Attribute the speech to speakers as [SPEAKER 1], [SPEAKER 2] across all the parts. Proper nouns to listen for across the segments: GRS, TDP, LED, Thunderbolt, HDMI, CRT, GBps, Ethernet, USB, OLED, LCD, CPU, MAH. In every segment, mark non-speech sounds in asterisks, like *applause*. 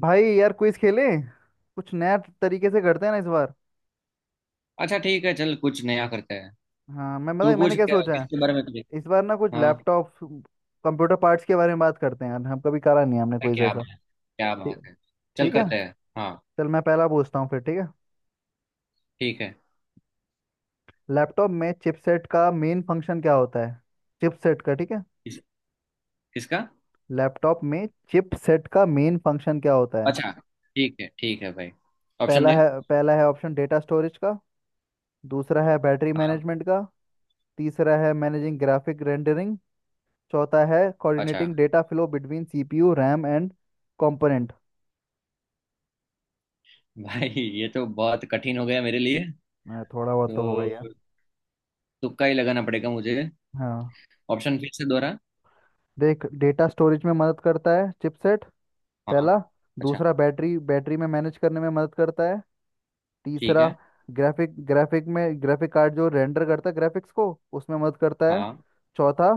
[SPEAKER 1] भाई यार क्विज खेले। कुछ नया तरीके से करते हैं ना इस बार।
[SPEAKER 2] अच्छा, ठीक है। चल कुछ नया करते हैं।
[SPEAKER 1] हाँ मैं
[SPEAKER 2] तू
[SPEAKER 1] मतलब मैंने
[SPEAKER 2] पूछ,
[SPEAKER 1] क्या
[SPEAKER 2] क्या
[SPEAKER 1] सोचा है।
[SPEAKER 2] किसके बारे में तुझे।
[SPEAKER 1] इस बार ना कुछ
[SPEAKER 2] हाँ।
[SPEAKER 1] लैपटॉप कंप्यूटर पार्ट्स के बारे में बात करते हैं यार, हम कभी करा नहीं है हमने
[SPEAKER 2] अरे
[SPEAKER 1] क्विज
[SPEAKER 2] क्या
[SPEAKER 1] ऐसा।
[SPEAKER 2] बात है। क्या बात
[SPEAKER 1] ठीक,
[SPEAKER 2] है। चल
[SPEAKER 1] ठीक है।
[SPEAKER 2] करते हैं। हाँ,
[SPEAKER 1] चल मैं पहला पूछता हूँ फिर, ठीक है।
[SPEAKER 2] ठीक है।
[SPEAKER 1] लैपटॉप में चिपसेट का मेन फंक्शन क्या होता है। चिपसेट का, ठीक है।
[SPEAKER 2] किस, किसका।
[SPEAKER 1] लैपटॉप में चिपसेट का मेन फंक्शन क्या होता है।
[SPEAKER 2] अच्छा, ठीक है। ठीक है भाई, ऑप्शन
[SPEAKER 1] पहला
[SPEAKER 2] दे।
[SPEAKER 1] है पहला है ऑप्शन डेटा स्टोरेज का। दूसरा है बैटरी
[SPEAKER 2] हाँ।
[SPEAKER 1] मैनेजमेंट का। तीसरा है मैनेजिंग ग्राफिक रेंडरिंग। चौथा है
[SPEAKER 2] अच्छा
[SPEAKER 1] coordinating data flow between CPU RAM and component.
[SPEAKER 2] भाई, ये तो बहुत कठिन हो गया मेरे लिए।
[SPEAKER 1] थोड़ा बहुत तो होगा
[SPEAKER 2] तो
[SPEAKER 1] यार।
[SPEAKER 2] तुक्का ही लगाना पड़ेगा मुझे।
[SPEAKER 1] हाँ।
[SPEAKER 2] ऑप्शन फिर से दोहरा।
[SPEAKER 1] देख, डेटा स्टोरेज में मदद करता है चिपसेट,
[SPEAKER 2] हाँ।
[SPEAKER 1] पहला।
[SPEAKER 2] अच्छा।
[SPEAKER 1] दूसरा, बैटरी बैटरी में मैनेज करने में मदद करता है।
[SPEAKER 2] ठीक
[SPEAKER 1] तीसरा,
[SPEAKER 2] है।
[SPEAKER 1] ग्राफिक ग्राफिक में, ग्राफिक कार्ड जो रेंडर करता है ग्राफिक्स को उसमें मदद करता है।
[SPEAKER 2] हाँ।
[SPEAKER 1] चौथा,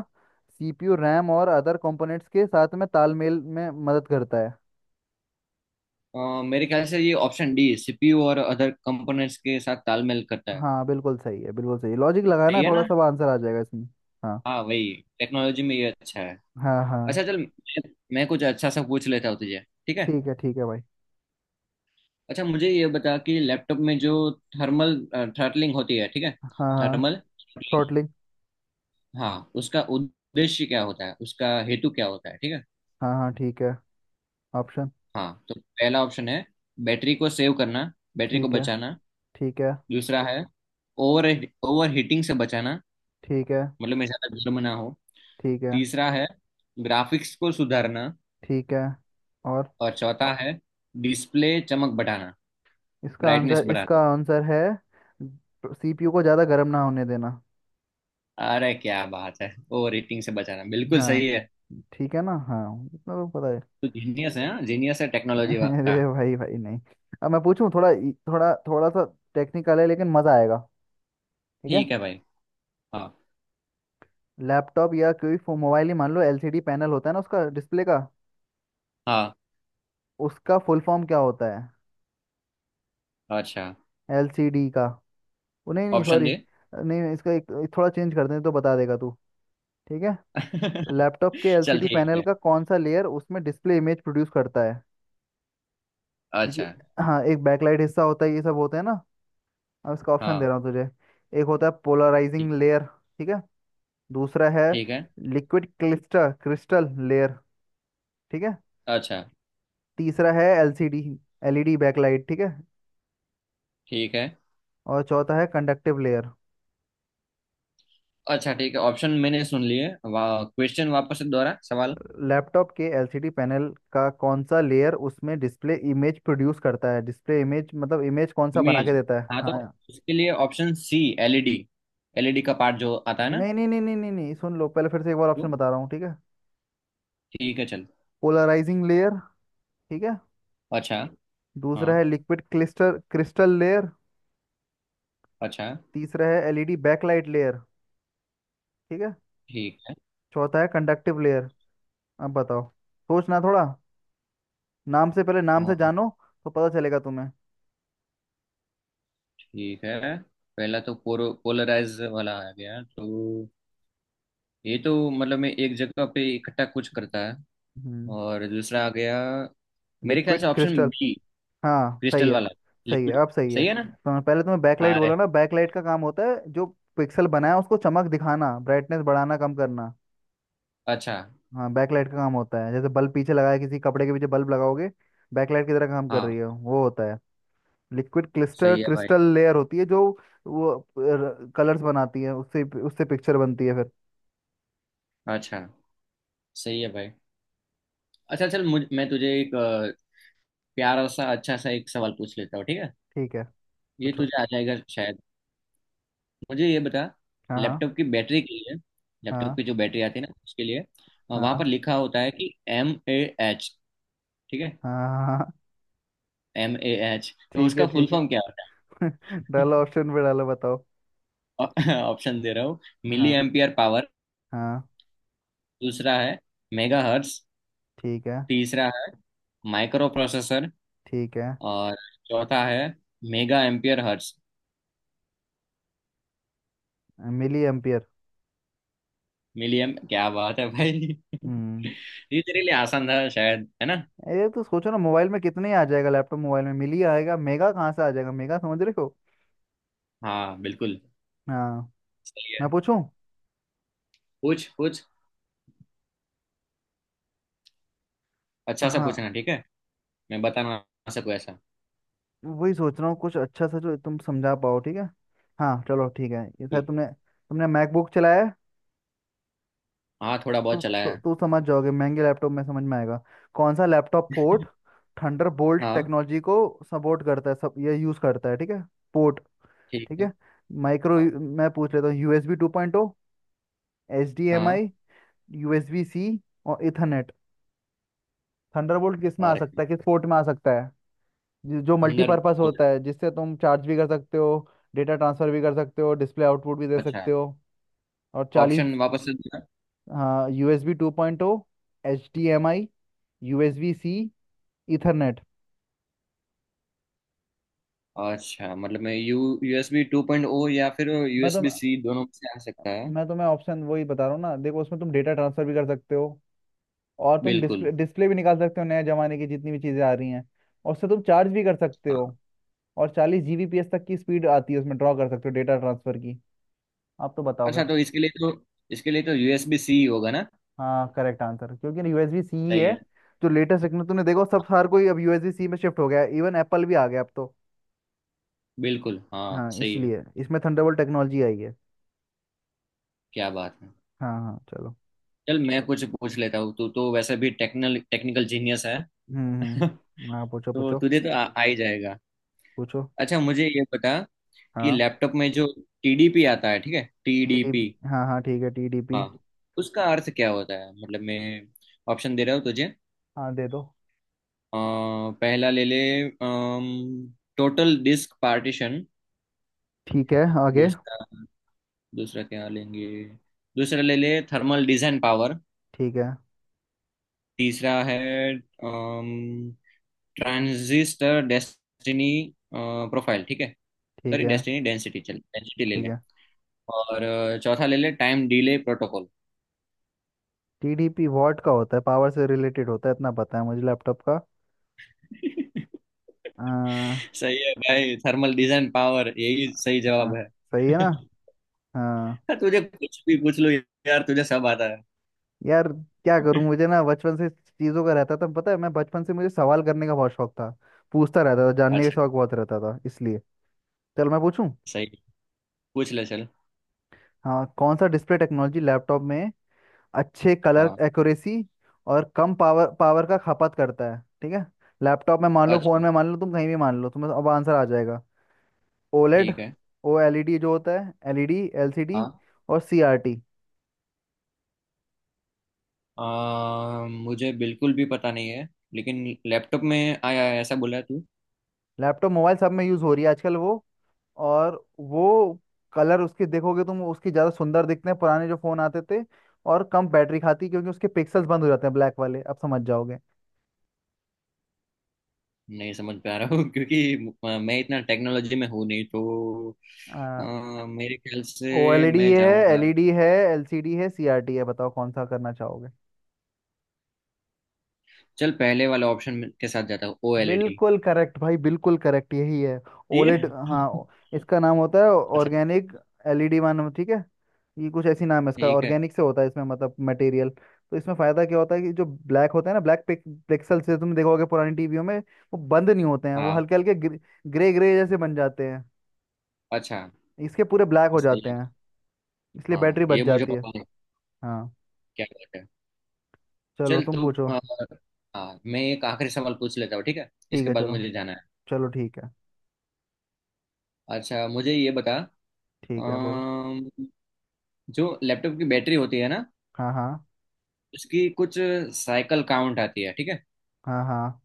[SPEAKER 1] सीपीयू रैम और अदर कंपोनेंट्स के साथ में तालमेल में मदद करता है।
[SPEAKER 2] मेरे ख्याल से ये ऑप्शन डी, सीपीयू और अदर कंपोनेंट्स के साथ तालमेल करता है।
[SPEAKER 1] हाँ बिल्कुल सही है, बिल्कुल सही। लॉजिक लगाना
[SPEAKER 2] सही
[SPEAKER 1] है,
[SPEAKER 2] है
[SPEAKER 1] थोड़ा
[SPEAKER 2] ना।
[SPEAKER 1] सा आंसर आ जाएगा इसमें। हाँ
[SPEAKER 2] हाँ वही। टेक्नोलॉजी में ये अच्छा है।
[SPEAKER 1] हाँ।
[SPEAKER 2] अच्छा
[SPEAKER 1] हाँ
[SPEAKER 2] चल, मैं कुछ अच्छा सा पूछ लेता हूँ तुझे। ठीक है।
[SPEAKER 1] ठीक है, ठीक है भाई।
[SPEAKER 2] अच्छा, मुझे ये बता कि लैपटॉप में जो थर्मल थ्रटलिंग होती है, ठीक है।
[SPEAKER 1] हाँ हाँ।
[SPEAKER 2] Thermal throttling.
[SPEAKER 1] थ्रॉटलिंग।
[SPEAKER 2] हाँ, उसका उद्देश्य क्या होता है, उसका हेतु क्या होता है, ठीक है।
[SPEAKER 1] हाँ हाँ ठीक है। ऑप्शन।
[SPEAKER 2] हाँ, तो पहला ऑप्शन है बैटरी को सेव करना, बैटरी को
[SPEAKER 1] ठीक है,
[SPEAKER 2] बचाना।
[SPEAKER 1] ठीक है।
[SPEAKER 2] दूसरा है ओवर ओवर हीटिंग से बचाना।
[SPEAKER 1] ठीक है।
[SPEAKER 2] मतलब मैं ज़्यादा गर्म ना हो।
[SPEAKER 1] ठीक है।
[SPEAKER 2] तीसरा है ग्राफिक्स को सुधारना।
[SPEAKER 1] ठीक है, और।
[SPEAKER 2] और चौथा है डिस्प्ले चमक बढ़ाना,
[SPEAKER 1] इसका आंसर,
[SPEAKER 2] ब्राइटनेस बढ़ाना।
[SPEAKER 1] इसका आंसर है सीपीयू को ज़्यादा गर्म ना होने देना।
[SPEAKER 2] अरे क्या बात है, ओ रेटिंग से बचाना बिल्कुल
[SPEAKER 1] हाँ।
[SPEAKER 2] सही है।
[SPEAKER 1] ठीक है ना, हाँ। इतना तो पता है।
[SPEAKER 2] तू जीनियस है, हाँ जीनियस है टेक्नोलॉजी
[SPEAKER 1] *laughs*
[SPEAKER 2] का।
[SPEAKER 1] अरे भाई भाई नहीं। अब मैं पूछूं थोड़ा थोड़ा थोड़ा सा टेक्निकल है लेकिन मज़ा आएगा। ठीक है।
[SPEAKER 2] ठीक है भाई। हाँ।
[SPEAKER 1] लैपटॉप या कोई मोबाइल ही मान लो, एलसीडी पैनल होता है ना उसका डिस्प्ले का।
[SPEAKER 2] हाँ।
[SPEAKER 1] उसका फुल फॉर्म क्या होता है
[SPEAKER 2] अच्छा,
[SPEAKER 1] एलसीडी का। वो नहीं नहीं,
[SPEAKER 2] ऑप्शन
[SPEAKER 1] सॉरी।
[SPEAKER 2] दे।
[SPEAKER 1] नहीं, इसका एक थोड़ा चेंज कर दें तो बता देगा तू, ठीक है।
[SPEAKER 2] *laughs*
[SPEAKER 1] लैपटॉप के
[SPEAKER 2] चल
[SPEAKER 1] एलसीडी
[SPEAKER 2] ठीक
[SPEAKER 1] पैनल
[SPEAKER 2] है।
[SPEAKER 1] का कौन सा लेयर उसमें डिस्प्ले इमेज प्रोड्यूस करता है। क्योंकि,
[SPEAKER 2] अच्छा।
[SPEAKER 1] हाँ एक बैकलाइट हिस्सा होता है ये सब होता है ना। अब इसका ऑप्शन दे
[SPEAKER 2] हाँ।
[SPEAKER 1] रहा हूँ तुझे। एक होता है
[SPEAKER 2] ठीक
[SPEAKER 1] पोलराइजिंग लेयर, ठीक है। दूसरा है
[SPEAKER 2] ठीक है।
[SPEAKER 1] लिक्विड क्लिस्टर क्रिस्टल लेयर, ठीक है।
[SPEAKER 2] अच्छा,
[SPEAKER 1] तीसरा है एलसीडी एलईडी बैकलाइट, ठीक है।
[SPEAKER 2] ठीक है।
[SPEAKER 1] और चौथा है कंडक्टिव लेयर।
[SPEAKER 2] अच्छा, ठीक है, ऑप्शन मैंने सुन लिए। वाह, क्वेश्चन वापस से दोहरा, सवाल।
[SPEAKER 1] लैपटॉप के एलसीडी पैनल का कौन सा लेयर उसमें डिस्प्ले इमेज प्रोड्यूस करता है, डिस्प्ले इमेज मतलब इमेज कौन सा बना
[SPEAKER 2] इमेज,
[SPEAKER 1] के देता है,
[SPEAKER 2] हाँ, तो
[SPEAKER 1] हाँ।
[SPEAKER 2] उसके लिए ऑप्शन सी, एलईडी, एलईडी का पार्ट जो आता है ना।
[SPEAKER 1] नहीं नहीं नहीं नहीं नहीं नहीं, सुन लो पहले, फिर से एक बार ऑप्शन
[SPEAKER 2] वो,
[SPEAKER 1] बता रहा हूँ, ठीक है।
[SPEAKER 2] ठीक है चल।
[SPEAKER 1] पोलराइजिंग लेयर, ठीक है।
[SPEAKER 2] अच्छा। हाँ।
[SPEAKER 1] दूसरा है लिक्विड क्लिस्टर क्रिस्टल लेयर।
[SPEAKER 2] अच्छा।
[SPEAKER 1] तीसरा है एलईडी बैकलाइट लेयर, ठीक है।
[SPEAKER 2] ठीक
[SPEAKER 1] चौथा है कंडक्टिव लेयर। अब बताओ, सोचना थोड़ा। नाम से, पहले नाम से
[SPEAKER 2] है।
[SPEAKER 1] जानो तो पता चलेगा तुम्हें।
[SPEAKER 2] ठीक है। पहला तो पोरो पोलराइज वाला आ गया, तो ये तो मतलब मैं एक जगह पे इकट्ठा कुछ करता है।
[SPEAKER 1] हम्म।
[SPEAKER 2] और दूसरा आ गया, मेरे ख्याल
[SPEAKER 1] लिक्विड
[SPEAKER 2] से ऑप्शन
[SPEAKER 1] क्रिस्टल,
[SPEAKER 2] बी,
[SPEAKER 1] हाँ सही
[SPEAKER 2] क्रिस्टल
[SPEAKER 1] है।
[SPEAKER 2] वाला,
[SPEAKER 1] सही है,
[SPEAKER 2] लिक्विड।
[SPEAKER 1] अब सही है।
[SPEAKER 2] सही है ना।
[SPEAKER 1] तो पहले तुम्हें बैकलाइट
[SPEAKER 2] अरे।
[SPEAKER 1] बोला ना, बैकलाइट का काम होता है जो पिक्सल बनाया उसको चमक दिखाना, ब्राइटनेस बढ़ाना कम करना।
[SPEAKER 2] अच्छा।
[SPEAKER 1] हाँ। बैकलाइट का काम होता है जैसे बल्ब पीछे लगाया, किसी कपड़े के पीछे बल्ब लगाओगे बैकलाइट की तरह काम कर
[SPEAKER 2] हाँ,
[SPEAKER 1] रही है, वो होता है। लिक्विड क्लिस्टर
[SPEAKER 2] सही है भाई।
[SPEAKER 1] क्रिस्टल लेयर होती है जो वो कलर्स बनाती है, उससे उससे पिक्चर बनती है फिर।
[SPEAKER 2] अच्छा, सही है भाई। अच्छा चल, मुझ मैं तुझे एक प्यारा सा अच्छा सा एक सवाल पूछ लेता हूँ, ठीक है।
[SPEAKER 1] ठीक है।
[SPEAKER 2] ये
[SPEAKER 1] पूछो।
[SPEAKER 2] तुझे आ जाएगा शायद। मुझे ये बता,
[SPEAKER 1] हाँ हाँ
[SPEAKER 2] लैपटॉप की बैटरी के लिए, लैपटॉप
[SPEAKER 1] हाँ
[SPEAKER 2] की जो बैटरी आती है ना उसके लिए, वहां पर
[SPEAKER 1] हाँ
[SPEAKER 2] लिखा होता है कि एम ए एच, ठीक है।
[SPEAKER 1] हाँ हाँ।
[SPEAKER 2] एम ए एच, तो
[SPEAKER 1] ठीक है,
[SPEAKER 2] उसका फुल
[SPEAKER 1] ठीक है।
[SPEAKER 2] फॉर्म क्या होता
[SPEAKER 1] *laughs* डालो ऑप्शन पे, डालो बताओ।
[SPEAKER 2] है। *laughs* ऑप्शन दे रहा हूँ, मिली
[SPEAKER 1] हाँ
[SPEAKER 2] एम्पियर पावर।
[SPEAKER 1] हाँ।
[SPEAKER 2] दूसरा है मेगा हर्ट्स।
[SPEAKER 1] ठीक है,
[SPEAKER 2] तीसरा है माइक्रो प्रोसेसर।
[SPEAKER 1] ठीक है।
[SPEAKER 2] और चौथा है mega ampere hertz.
[SPEAKER 1] Milli ampere.
[SPEAKER 2] मिलियम, क्या बात है भाई।
[SPEAKER 1] हम्म।
[SPEAKER 2] *laughs* ये तेरे लिए आसान था शायद, है ना।
[SPEAKER 1] ये तो सोचो ना मोबाइल में कितने ही आ जाएगा, लैपटॉप मोबाइल में मिली आएगा, मेगा कहाँ से आ जाएगा मेगा, समझ रहे हो।
[SPEAKER 2] हाँ बिल्कुल।
[SPEAKER 1] हाँ।
[SPEAKER 2] सही
[SPEAKER 1] मैं
[SPEAKER 2] है।
[SPEAKER 1] पूछूं।
[SPEAKER 2] पूछ पूछ, अच्छा सा
[SPEAKER 1] हाँ
[SPEAKER 2] पूछना ठीक है। मैं बताना सबको ऐसा।
[SPEAKER 1] वही सोच रहा हूँ कुछ अच्छा सा जो तुम समझा पाओ, ठीक है। हाँ चलो ठीक है, ये शायद
[SPEAKER 2] ठीक
[SPEAKER 1] तुमने तुमने मैकबुक चलाया है।
[SPEAKER 2] है? हाँ, थोड़ा बहुत
[SPEAKER 1] तू
[SPEAKER 2] चला
[SPEAKER 1] तू
[SPEAKER 2] है।
[SPEAKER 1] तू समझ जाओगे, महंगे लैपटॉप में समझ में आएगा। कौन सा लैपटॉप पोर्ट
[SPEAKER 2] *laughs*
[SPEAKER 1] थंडरबोल्ट
[SPEAKER 2] हाँ।
[SPEAKER 1] टेक्नोलॉजी को सपोर्ट करता है, सब ये यूज़ करता है, ठीक है। पोर्ट,
[SPEAKER 2] ठीक
[SPEAKER 1] ठीक
[SPEAKER 2] है।
[SPEAKER 1] है। माइक्रो।
[SPEAKER 2] हाँ।
[SPEAKER 1] मैं पूछ लेता हूँ, USB two point O, H D M
[SPEAKER 2] हाँ।
[SPEAKER 1] आई, यूएसबी सी, और इथरनेट। थंडरबोल्ट किस में आ
[SPEAKER 2] और
[SPEAKER 1] सकता है, किस पोर्ट में आ सकता है। जो
[SPEAKER 2] अंदर
[SPEAKER 1] मल्टीपर्पस
[SPEAKER 2] बोल।
[SPEAKER 1] होता है जिससे तुम चार्ज भी कर सकते हो, डेटा ट्रांसफर भी कर सकते हो, डिस्प्ले आउटपुट भी दे
[SPEAKER 2] अच्छा।
[SPEAKER 1] सकते हो और 40।
[SPEAKER 2] ऑप्शन वापस से देना।
[SPEAKER 1] हाँ, USB two point O, H D M I, USB C, ethernet.
[SPEAKER 2] अच्छा, मतलब मैं U USB two point O या फिर
[SPEAKER 1] मैं तुम
[SPEAKER 2] यूएसबी सी, दोनों में से आ सकता है।
[SPEAKER 1] मैं तुम्हें ऑप्शन वही बता रहा हूँ ना, देखो उसमें तुम डेटा ट्रांसफर भी कर सकते हो, और तुम
[SPEAKER 2] बिल्कुल
[SPEAKER 1] डिस्प्ले डिस्प्ले भी निकाल सकते हो, नए जमाने की जितनी भी चीज़ें आ रही हैं। और उससे तुम चार्ज भी कर सकते
[SPEAKER 2] हाँ।
[SPEAKER 1] हो, और 40 जीबीपीएस तक की स्पीड आती है उसमें, ड्रॉ कर सकते हो डेटा ट्रांसफर की। आप तो बताओ
[SPEAKER 2] अच्छा,
[SPEAKER 1] फिर।
[SPEAKER 2] तो इसके लिए तो, इसके लिए तो यूएसबी सी होगा ना।
[SPEAKER 1] हाँ करेक्ट आंसर, क्योंकि यूएसबी सी ही
[SPEAKER 2] सही
[SPEAKER 1] है।
[SPEAKER 2] है।
[SPEAKER 1] जो लेटेस्ट टेक्नो, तूने देखो सब, हर कोई अब यूएसबी सी में शिफ्ट हो गया, इवन एप्पल भी आ गया अब तो।
[SPEAKER 2] बिल्कुल हाँ।
[SPEAKER 1] हाँ
[SPEAKER 2] सही है।
[SPEAKER 1] इसलिए इसमें थंडरबोल्ट टेक्नोलॉजी आई है।
[SPEAKER 2] क्या बात है।
[SPEAKER 1] हाँ हाँ चलो।
[SPEAKER 2] चल मैं कुछ पूछ लेता हूँ, तू तो वैसे भी टेक्निकल, टेक्निकल जीनियस है। *laughs*
[SPEAKER 1] हाँ पूछो
[SPEAKER 2] तो
[SPEAKER 1] पूछो।
[SPEAKER 2] तुझे तो आ ही जाएगा।
[SPEAKER 1] पूछो।
[SPEAKER 2] अच्छा, मुझे ये बता कि
[SPEAKER 1] हाँ।
[SPEAKER 2] लैपटॉप में जो टीडीपी आता है, ठीक है,
[SPEAKER 1] टीडीपी,
[SPEAKER 2] टीडीपी।
[SPEAKER 1] हाँ हाँ ठीक है टीडीपी।
[SPEAKER 2] हाँ, उसका अर्थ क्या होता है, मतलब मैं ऑप्शन दे रहा हूँ तुझे।
[SPEAKER 1] हाँ दे दो।
[SPEAKER 2] अ, पहला ले ले, टोटल डिस्क पार्टीशन।
[SPEAKER 1] ठीक है। आगे।
[SPEAKER 2] दूसरा, दूसरा क्या लेंगे, दूसरा ले ले, थर्मल डिजाइन पावर।
[SPEAKER 1] ठीक है।
[SPEAKER 2] तीसरा है ट्रांजिस्टर डेस्टिनी प्रोफाइल, ठीक है।
[SPEAKER 1] ठीक
[SPEAKER 2] सॉरी,
[SPEAKER 1] है।
[SPEAKER 2] डेस्टिनी डेंसिटी, चल डेंसिटी ले
[SPEAKER 1] ठीक
[SPEAKER 2] ले।
[SPEAKER 1] है।
[SPEAKER 2] और चौथा ले ले, time delay protocol.
[SPEAKER 1] TDP watt का होता है, पावर से रिलेटेड होता है, इतना पता है मुझे लैपटॉप
[SPEAKER 2] *laughs*
[SPEAKER 1] का।
[SPEAKER 2] सही है भाई, थर्मल डिजाइन पावर यही सही
[SPEAKER 1] हाँ।
[SPEAKER 2] जवाब है।
[SPEAKER 1] सही है ना।
[SPEAKER 2] *laughs*
[SPEAKER 1] हाँ।
[SPEAKER 2] तुझे कुछ भी पूछ लो यार, तुझे सब आता है।
[SPEAKER 1] यार क्या करूं,
[SPEAKER 2] *laughs*
[SPEAKER 1] मुझे ना बचपन से चीज़ों का रहता था, पता है, मैं बचपन से मुझे सवाल करने का बहुत शौक था। पूछता रहता था, जानने का
[SPEAKER 2] अच्छा,
[SPEAKER 1] शौक बहुत रहता था, इसलिए। चल मैं पूछूं।
[SPEAKER 2] सही। पूछ ले चल।
[SPEAKER 1] हाँ, कौन सा डिस्प्ले टेक्नोलॉजी लैपटॉप में अच्छे कलर
[SPEAKER 2] हाँ।
[SPEAKER 1] एक्यूरेसी और कम पावर पावर का खपत करता है, ठीक है। लैपटॉप में मान लो,
[SPEAKER 2] अच्छा।
[SPEAKER 1] फोन में मान लो, तुम कहीं भी मान लो, तुम्हें अब आंसर आ जाएगा। ओलेड।
[SPEAKER 2] ठीक है।
[SPEAKER 1] ओ एलईडी जो होता है, एलईडी, एलसीडी
[SPEAKER 2] हाँ।
[SPEAKER 1] और सीआरटी।
[SPEAKER 2] मुझे बिल्कुल भी पता नहीं है, लेकिन लैपटॉप में आया है ऐसा बोला तू।
[SPEAKER 1] लैपटॉप मोबाइल सब में यूज़ हो रही है आजकल वो। और वो कलर उसके, देखोगे तुम उसके ज़्यादा सुंदर दिखते हैं पुराने जो फ़ोन आते थे। और कम बैटरी खाती, क्योंकि उसके पिक्सल्स बंद हो जाते हैं ब्लैक वाले, अब समझ जाओगे।
[SPEAKER 2] नहीं समझ पा रहा हूँ। *laughs* क्योंकि मैं इतना टेक्नोलॉजी में हूँ नहीं, तो मेरे ख्याल
[SPEAKER 1] ओ एल
[SPEAKER 2] से
[SPEAKER 1] ई डी
[SPEAKER 2] मैं
[SPEAKER 1] है, एल
[SPEAKER 2] जाऊंगा,
[SPEAKER 1] ई डी है, एल सी डी है, सी आर टी है, बताओ कौन सा करना चाहोगे।
[SPEAKER 2] चल पहले वाला ऑप्शन के साथ जाता हूँ, ओ एल ई डी।
[SPEAKER 1] बिल्कुल करेक्ट भाई, बिल्कुल करेक्ट, यही है।
[SPEAKER 2] ठीक
[SPEAKER 1] ओलेड, हाँ।
[SPEAKER 2] है। *laughs*
[SPEAKER 1] इसका नाम होता है
[SPEAKER 2] अच्छा।
[SPEAKER 1] ऑर्गेनिक एलईडी वन, ठीक है। ये कुछ ऐसी नाम है इसका,
[SPEAKER 2] ठीक है।
[SPEAKER 1] ऑर्गेनिक से होता है इसमें मतलब मटेरियल, तो इसमें फायदा क्या होता है कि जो ब्लैक होता है ना, ब्लैक पिक्सल से तुम देखोगे पुरानी टीवियों में वो बंद नहीं होते हैं, वो
[SPEAKER 2] हाँ।
[SPEAKER 1] हल्के हल्के ग्रे ग्रे जैसे बन जाते हैं।
[SPEAKER 2] अच्छा।
[SPEAKER 1] इसके पूरे ब्लैक हो
[SPEAKER 2] सही
[SPEAKER 1] जाते
[SPEAKER 2] है।
[SPEAKER 1] हैं। इसलिए
[SPEAKER 2] हाँ,
[SPEAKER 1] बैटरी बच
[SPEAKER 2] ये मुझे
[SPEAKER 1] जाती है।
[SPEAKER 2] पता है।
[SPEAKER 1] हाँ।
[SPEAKER 2] क्या बात है।
[SPEAKER 1] चलो
[SPEAKER 2] चल
[SPEAKER 1] तुम
[SPEAKER 2] तू।
[SPEAKER 1] पूछो।
[SPEAKER 2] हाँ, मैं एक आखिरी सवाल पूछ लेता हूँ ठीक है,
[SPEAKER 1] ठीक
[SPEAKER 2] इसके
[SPEAKER 1] है।
[SPEAKER 2] बाद
[SPEAKER 1] चलो,
[SPEAKER 2] मुझे जाना है।
[SPEAKER 1] चलो ठीक है।
[SPEAKER 2] अच्छा, मुझे ये बता।
[SPEAKER 1] ठीक है बोलो।
[SPEAKER 2] अम, जो लैपटॉप की बैटरी होती है ना,
[SPEAKER 1] हाँ हाँ।
[SPEAKER 2] उसकी कुछ साइकिल काउंट आती है ठीक है।
[SPEAKER 1] हाँ हाँ।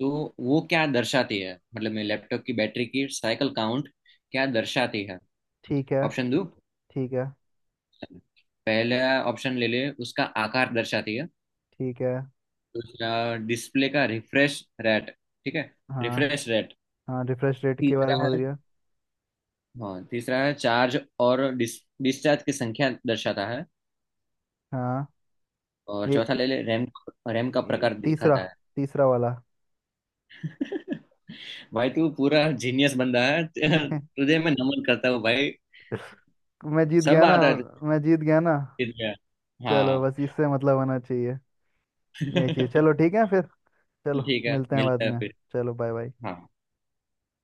[SPEAKER 2] तो वो क्या दर्शाती है, मतलब मैं लैपटॉप की बैटरी की साइकिल काउंट क्या दर्शाती है।
[SPEAKER 1] ठीक है।
[SPEAKER 2] ऑप्शन दो।
[SPEAKER 1] ठीक है,
[SPEAKER 2] पहला ऑप्शन ले ले, उसका आकार दर्शाती है।
[SPEAKER 1] ठीक है।
[SPEAKER 2] दूसरा, डिस्प्ले का रिफ्रेश रेट, ठीक है,
[SPEAKER 1] हाँ
[SPEAKER 2] रिफ्रेश रेट।
[SPEAKER 1] हाँ, रिफ्रेश रेट के बारे में
[SPEAKER 2] तीसरा
[SPEAKER 1] बोल
[SPEAKER 2] है,
[SPEAKER 1] रही हो।
[SPEAKER 2] हाँ तीसरा है, चार्ज और डिस्चार्ज की संख्या दर्शाता है।
[SPEAKER 1] हाँ।
[SPEAKER 2] और
[SPEAKER 1] ये,
[SPEAKER 2] चौथा ले ले, रैम, रैम का
[SPEAKER 1] ये
[SPEAKER 2] प्रकार
[SPEAKER 1] तीसरा
[SPEAKER 2] दिखाता है।
[SPEAKER 1] तीसरा वाला।
[SPEAKER 2] *laughs* भाई तू पूरा जीनियस बंदा है। *laughs*
[SPEAKER 1] *laughs*
[SPEAKER 2] तुझे मैं नमन करता हूँ भाई।
[SPEAKER 1] मैं जीत गया
[SPEAKER 2] सब
[SPEAKER 1] ना।
[SPEAKER 2] आता है
[SPEAKER 1] मैं जीत गया ना।
[SPEAKER 2] तुझे। हाँ।
[SPEAKER 1] चलो, बस इससे मतलब होना चाहिए।
[SPEAKER 2] *laughs*
[SPEAKER 1] यही चाहिए,
[SPEAKER 2] ठीक
[SPEAKER 1] चलो ठीक है फिर। चलो
[SPEAKER 2] है,
[SPEAKER 1] मिलते हैं बाद
[SPEAKER 2] मिलता है
[SPEAKER 1] में।
[SPEAKER 2] फिर।
[SPEAKER 1] चलो, बाय बाय।
[SPEAKER 2] हाँ।